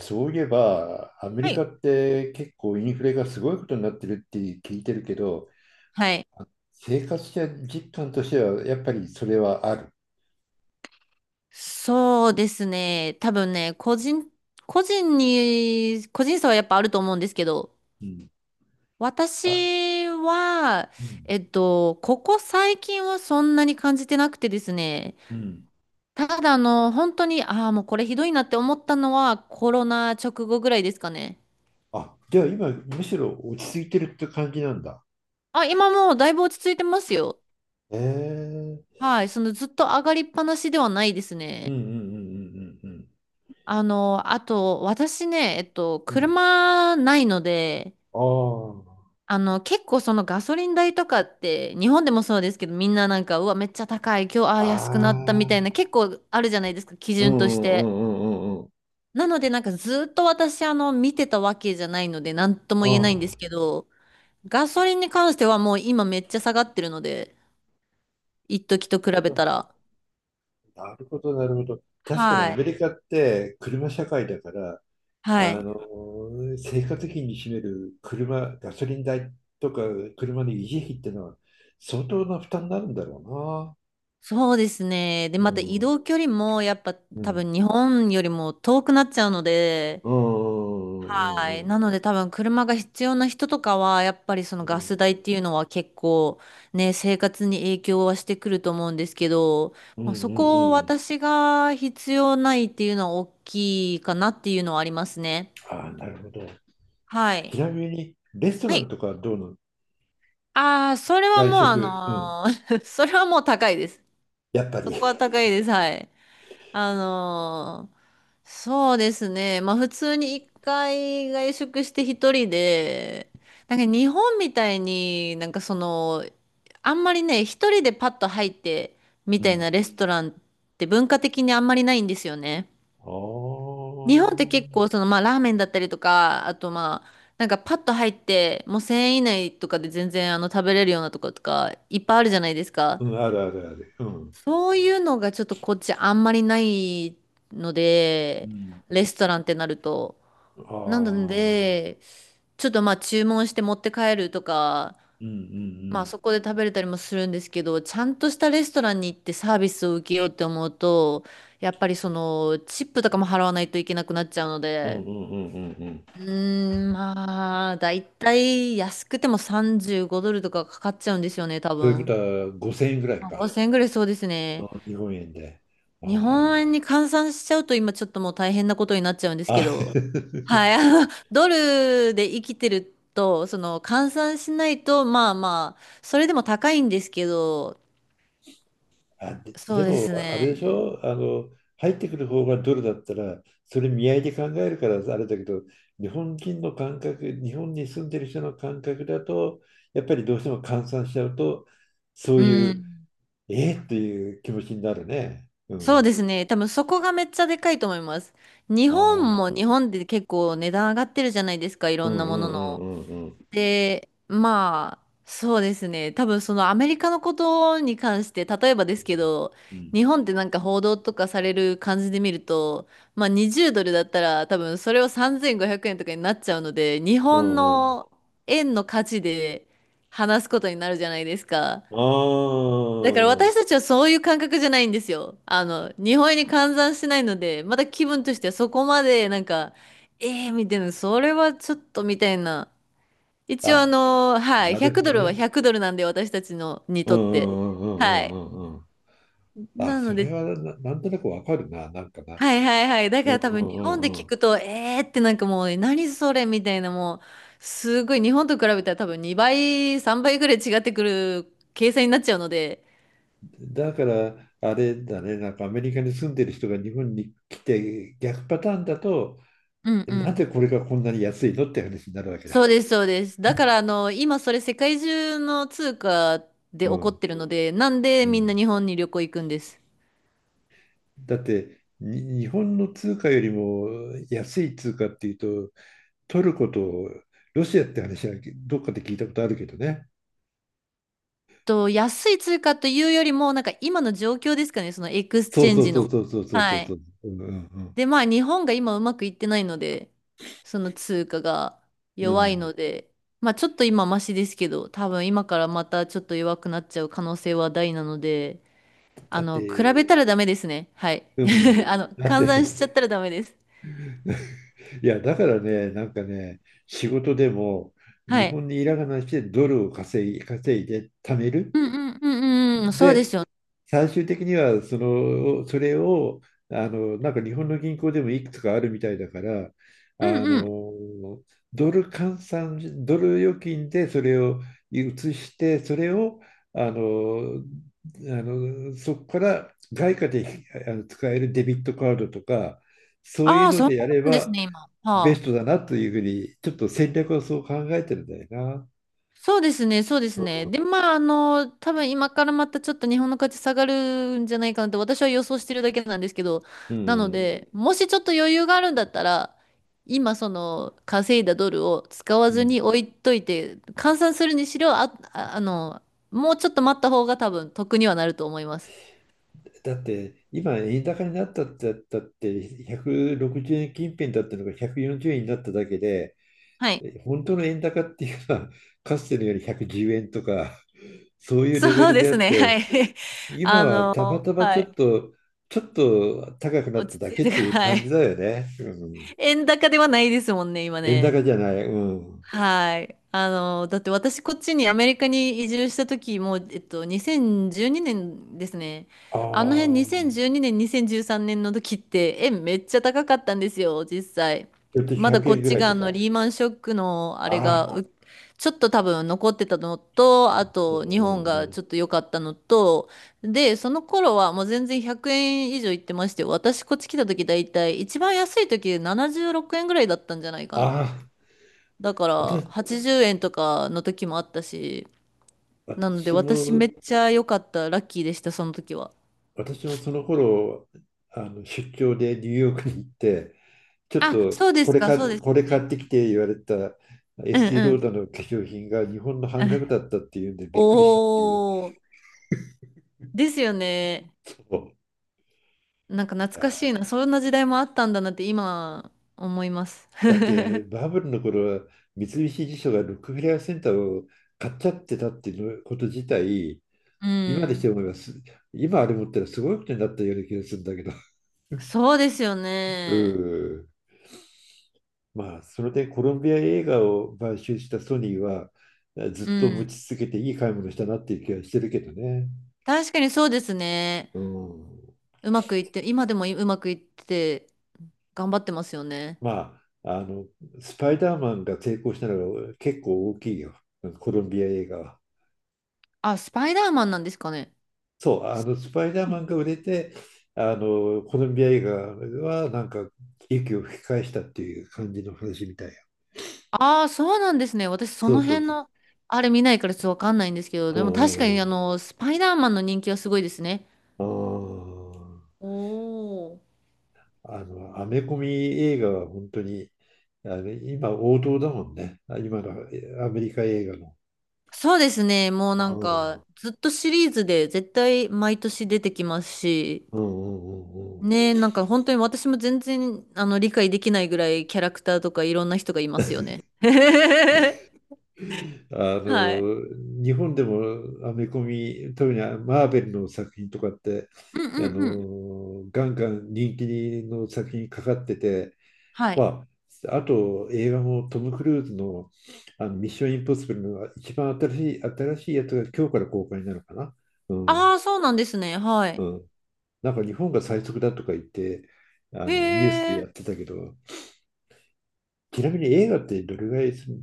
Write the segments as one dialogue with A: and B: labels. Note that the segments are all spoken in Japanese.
A: そういえば、アメリ
B: は
A: カ
B: い。
A: って結構インフレがすごいことになってるって聞いてるけど、
B: はい。
A: 生活実感としてはやっぱりそれはある。
B: そうですね。多分ね、個人差はやっぱあると思うんですけど、
A: うん。あ、
B: 私は、
A: うん。
B: ここ最近はそんなに感じてなくてですね、
A: うん。
B: ただ本当に、ああ、もうこれひどいなって思ったのはコロナ直後ぐらいですかね。
A: あ、じゃあ今、むしろ落ち着いてるって感じなんだ。
B: あ、今もうだいぶ落ち着いてますよ。
A: ええ
B: はい、そのずっと上がりっぱなしではないです
A: うんう
B: ね。
A: んうんうんうん
B: あと、私ね、
A: うん。
B: 車ないので、
A: うん。あ
B: 結構そのガソリン代とかって、日本でもそうですけど、みんななんか、うわ、めっちゃ高い、今日、あ
A: あ。
B: あ、安くなったみ
A: あ
B: たいな、
A: あ。
B: 結構あるじゃないですか、基
A: うんう
B: 準とし
A: んう
B: て。
A: んうんうんうん。
B: なので、なんかずっと私、見てたわけじゃないので、なんと
A: あ
B: も言えないんですけ
A: あ。
B: ど、ガソリンに関してはもう今めっちゃ下がってるので、一時と比べたら。
A: なるほど、なるほど。確かに
B: は
A: ア
B: い。
A: メリカって車社会だから、
B: は
A: あ
B: い。
A: の生活費に占める車、ガソリン代とか車の維持費っていうのは相当な負担になるんだろ
B: そうですね。で、
A: うな。う
B: また移
A: ん。
B: 動距離も、やっぱ
A: う
B: 多
A: ん。
B: 分日本よりも遠くなっちゃうので、
A: うん。う
B: は
A: ん。う
B: い。
A: ん。
B: なので多分車が必要な人とかは、やっぱりそ
A: う
B: のガ
A: ん。
B: ス代っていうのは結構ね、生活に影響はしてくると思うんですけど、
A: うんう
B: まあ、そ
A: ん
B: こを
A: うん。
B: 私が必要ないっていうのは大きいかなっていうのはありますね。
A: ああ、なるほど。
B: はい。
A: ちなみに、レスト
B: は
A: ラン
B: い。
A: とかはどうなの？
B: ああ、それは
A: 外
B: もう
A: 食。うん。
B: それはもう高いです。
A: やっぱ
B: そ
A: り。
B: こは高いです。はい。あのーそうですね。まあ普通に一回外食して一人で、なんか日本みたいになんかその、あんまりね、一人でパッと入ってみ
A: う
B: たいな
A: ん。
B: レストランって文化的にあんまりないんですよね。
A: あ
B: 日本って結
A: あ。
B: 構そのまあラーメンだったりとか、あとまあなんかパッと入ってもう1000円以内とかで全然あの食べれるようなとことかいっぱいあるじゃないです
A: う
B: か。
A: ん。あるあるある。うん。
B: そういうのがちょっとこっちあんまりないの
A: う
B: で、
A: ん。
B: レストランってなると。な
A: あ
B: の
A: あ。
B: で、ちょっとまあ注文して持って帰るとか、
A: うんう
B: まあ
A: ん
B: そこで食べれたりもするんですけど、ちゃんとしたレストランに行ってサービスを受けようって思うと、やっぱりそのチップとかも払わないといけなくなっちゃうの
A: うん。う
B: で、
A: んうんうんうんうん。
B: うーん、まあ、だいたい安くても35ドルとかかかっちゃうんですよね、多
A: ということ
B: 分。
A: は、5000円ぐらい
B: まあ、
A: か。
B: 5000ぐらいそうですね。
A: あ、日本円で。
B: 日本円
A: あ
B: に換算しちゃうと今ちょっともう大変なことになっちゃうんです
A: あ。
B: け
A: あ
B: ど、はい、ドルで生きてると、その換算しないと、まあまあ、それでも高いんですけど、
A: あ、で、
B: そ
A: で
B: うで
A: も、
B: す
A: あれでし
B: ね。
A: ょ、入ってくる方がドルだったら、それ見合いで考えるからあれだけど、日本人の感覚、日本に住んでる人の感覚だと、やっぱりどうしても換算しちゃうと、そ
B: う
A: ういう、
B: ん、
A: えー、っていう気持ちになるね。う
B: そう
A: ん。
B: ですね。多分そこがめっちゃでかいと思います。日
A: あ
B: 本も
A: あ。
B: 日本で結構値段上がってるじゃないですか、い
A: う
B: ろん
A: ん
B: な
A: う
B: もの
A: んう
B: の。
A: んうんうん。
B: で、まあ、そうですね。多分そのアメリカのことに関して、例えばですけど、
A: うん
B: 日本ってなんか報道とかされる感じで見ると、まあ20ドルだったら多分それを3500円とかになっちゃうので、日
A: うん
B: 本
A: うんうん。
B: の円の価値で話すことになるじゃないですか。
A: あ
B: だから私たちはそういう感覚じゃないんですよ。日本円に換算してないので、まだ気分としてはそこまでなんか、ええー、みたいな、それはちょっとみたいな。
A: あ。
B: 一応
A: あ、
B: はい、
A: なるほ
B: 100ド
A: ど
B: ルは
A: ね。
B: 100ドルなんで私たちのに
A: うんう
B: とって。
A: んう
B: は
A: ん
B: い。
A: うんうんうんうん。あ、
B: な
A: そ
B: の
A: れ
B: で、
A: はな、なんとなくわかるな、なんかな。
B: はいはいはい。だか
A: うんう
B: ら多分日
A: ん
B: 本で
A: う
B: 聞
A: んう
B: くと、えーってなんかもう何それみたいなもう、すごい日本と比べたら多分2倍、3倍ぐらい違ってくる計算になっちゃうので。
A: ん。だから、あれだね、なんかアメリカに住んでる人が日本に来て逆パターンだと、
B: うん
A: え
B: う
A: なんで
B: ん。
A: これがこんなに安いのって話になるわけだ。
B: そうですそうです。だから今それ世界中の通貨で
A: う
B: 起こっ
A: ん。
B: てるので、なんで
A: う
B: みんな
A: ん、
B: 日本に旅行行くんです。
A: だってに日本の通貨よりも安い通貨っていうと、トルコとロシアって話はどっかで聞いたことあるけどね。
B: と、安い通貨というよりも、なんか今の状況ですかね、そのエクス
A: そ
B: チ
A: う
B: ェン
A: そう
B: ジ
A: そ
B: の。
A: うそうそうそうそう
B: は
A: そ
B: い。
A: う。うんうん
B: で、まあ日本が今うまくいってないので、その通貨が
A: うん。う
B: 弱い
A: ん、
B: ので、まあちょっと今マシですけど、多分今からまたちょっと弱くなっちゃう可能性は大なので、
A: だっ
B: 比べ
A: て、
B: たらダメですね。はい。
A: うん、だっ
B: 換算
A: て
B: しちゃったらダメです。
A: いや、だからね、なんかね、仕事でも
B: は
A: 日
B: い。
A: 本にいらがなしてドルを稼いで貯める。
B: うんうんうん、うん、そうで
A: で、
B: すよね。
A: 最終的にはその、それを、なんか日本の銀行でもいくつかあるみたいだから、
B: うん
A: あ
B: うん。
A: の、ドル換算、ドル預金でそれを移して、それを、あの、そこから外貨で使えるデビットカードとか、そうい
B: あ
A: う
B: あ、
A: の
B: そう
A: でやれ
B: なんです
A: ば、
B: ね、今。
A: ベ
B: は
A: ス
B: あ。
A: トだなというふうに、ちょっと戦略をそう考えてるんだよな。
B: そうですね、そうですね。で、まあ、多分今からまたちょっと日本の価値下がるんじゃないかなって私は予想してるだけなんですけど、
A: う
B: なの
A: ん。
B: で、もしちょっと余裕があるんだったら、今その稼いだドルを使わ
A: う
B: ず
A: ん、
B: に置いといて、換算するにしろ、もうちょっと待った方が多分得にはなると思います。
A: だって、今、円高になったってだって160円近辺だったのが140円になっただけで、
B: はい。
A: 本当の円高っていうのは、かつてのより110円とか、そう いうレベ
B: そう
A: ル
B: で
A: であっ
B: すね。は
A: て、
B: い。
A: 今はたまたま
B: はい。
A: ちょっと高くな
B: 落
A: った
B: ち
A: だ
B: 着い
A: けっ
B: てか
A: ていう
B: ら、は
A: 感じ
B: い。
A: だよね。うん、
B: 円高ではないですもんね、今
A: 円
B: ね。
A: 高じゃない。うん、
B: はい。だって私こっちにアメリカに移住した時もう、2012年ですね。
A: あ
B: あの辺
A: あ、
B: 2012年、2013年の時って円めっちゃ高かったんですよ、実際。
A: ちょっと
B: まだ
A: 100
B: こっ
A: 円ぐ
B: ち
A: らい
B: が
A: と
B: あの
A: か。
B: リーマンショックのあ
A: あ
B: れが
A: あ。
B: ちょっと多分残ってたのと、あ
A: うんう
B: と
A: ん
B: 日本
A: う
B: が
A: ん、
B: ちょっと良かったのと、で、その頃はもう全然100円以上いってまして、私こっち来た時だいたい一番安い時で76円ぐらいだったんじゃないかな。
A: ああ、
B: だから
A: 私、
B: 80円とかの時もあったし、なので
A: 私
B: 私
A: も、
B: めっちゃ良かった、ラッキーでした、その時は。
A: 私もその頃、あの出張でニューヨークに行って、ちょっ
B: あ、
A: と
B: そうですか、そうです
A: これ
B: ね。
A: 買ってきて言われたエ
B: うん
A: スティ
B: う
A: ロー
B: ん。
A: ダーの化粧品が日本の半額だったっていうんでびっくりしたっていう。
B: おー、ですよね。
A: そう
B: なんか
A: い
B: 懐かしい
A: や
B: な、そんな時代もあったんだなって今思います。
A: だ ってバブルの頃は三菱地所がロックフェラーセンターを買っちゃってたっていうこと自体、
B: う
A: 今でし
B: ん。
A: て思います。今あれ持ったらすごいことになったような気がするんだけど。
B: そうですよ
A: う
B: ね。
A: ん、まあ、それでコロンビア映画を買収したソニーは、ず
B: う
A: っと持
B: ん。
A: ち続けていい買い物したなっていう気はしてるけどね。
B: 確かにそうですね。
A: うん。
B: うまくいって、今でもうまくいってて頑張ってますよね。
A: まあ、スパイダーマンが成功したのが結構大きいよ、コロンビア映画は。
B: あ、スパイダーマンなんですかね。
A: そう、スパイダーマンが売れて、コロンビア映画はなんか息を吹き返したっていう感じの話みたいよ。
B: ああ、そうなんですね。私、そ
A: そう
B: の
A: そう
B: 辺
A: そ
B: の、あれ見ないからちょっとわかんないんですけど、
A: う。う
B: でも
A: ん
B: 確
A: う
B: か
A: んう
B: に、
A: ん。
B: スパイダーマンの人気はすごいですね。
A: あー
B: おー。
A: アメコミ映画は本当に、今王道だもんね、今のアメリカ映画の。
B: そうですね。もうな
A: う
B: ん
A: ん、
B: か、ずっとシリーズで絶対毎年出てきますし、
A: うん、うん、うん。うん。
B: ね、なんか本当に私も全然、理解できないぐらいキャラクターとかいろんな人がいますよね。はい。
A: 日本でもアメコミ、特にマーベルの作品とかって、
B: うんうんうん。
A: ガンガン人気の作品かかってて、
B: はい。
A: まあ、あと映画もトム・クルーズの、あのミッション・インポッシブルの一番新しいやつが今日から公開になるかな。うん、
B: ああ、そうなんですね。は
A: う
B: い。
A: ん。なんか日本が最速だとか言って、あ
B: へ
A: のニュースで
B: え。
A: やってたけど、ちなみに映画ってどれぐらいするの？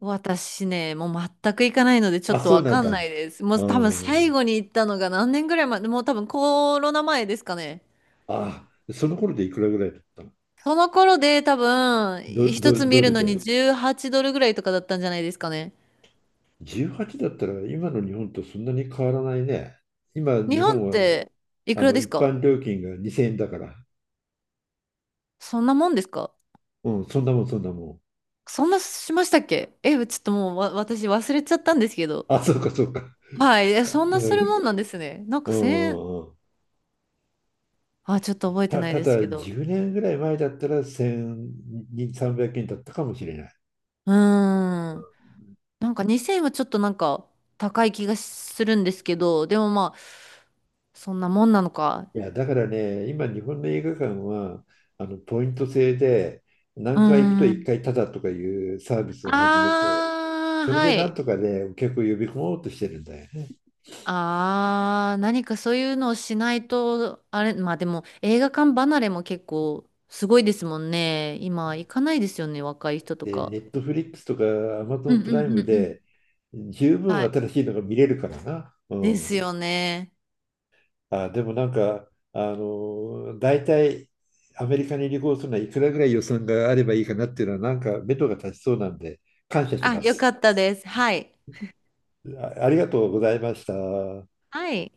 B: 私ね、もう全く行かないのでちょっ
A: あ、
B: と
A: そう
B: わ
A: なん
B: かんな
A: だ。
B: いです。もう多分
A: う
B: 最
A: ん。
B: 後に行ったのが何年ぐらい前、もう多分コロナ前ですかね。
A: あ、その頃でいくらぐらいだったの？
B: その頃で多分一つ見
A: ド
B: る
A: ル
B: のに
A: で。
B: 18ドルぐらいとかだったんじゃないですかね。
A: 18だったら今の日本とそんなに変わらないね。今、
B: 日
A: 日
B: 本っ
A: 本は
B: ていくらです
A: 一
B: か？
A: 般料金が2000円だから。
B: そんなもんですか？
A: うん、そんなもん、そんなもん。
B: そんなしましたっけえ、ちょっともうわ私忘れちゃったんですけど。
A: あ、そうか、そうか。
B: はい、え、そん
A: う
B: なするもん
A: ん。
B: なんですね。なんか1000円、
A: うん。
B: あ、ちょっと覚えてない
A: た
B: です
A: だ、
B: けど。
A: 10年ぐらい前だったら1200、300円だったかもしれない。
B: うーん。なんか2000円はちょっとなんか高い気がするんですけど、でもまあ、そんなもんなのか。
A: いや、だからね、今、日本の映画館は、ポイント制で、
B: う
A: 何
B: ー
A: 回行くと1
B: ん。
A: 回タダとかいうサービスを始めて、
B: ああ、
A: それ
B: は
A: でなん
B: い。
A: とかね、お客を呼び込もうとしてるんだよね。
B: ああ、何かそういうのをしないと、あれ、まあでも映画館離れも結構すごいですもんね。今行かないですよね、若い人と
A: で、
B: か。
A: ネットフリックスとかアマゾ
B: う
A: ン
B: ん
A: プ
B: う
A: ライ
B: んう
A: ム
B: んうん。
A: で、十分
B: はい。
A: 新しいのが見れるからな。う
B: で
A: ん。
B: すよね。
A: あ、でもなんか、大体、アメリカに旅行するのはいくらぐらい予算があればいいかなっていうのは、なんか目処が立ちそうなんで、感謝し
B: あ、
A: ま
B: よか
A: す。
B: ったです。はい。
A: あ、ありがとうございました。
B: はい。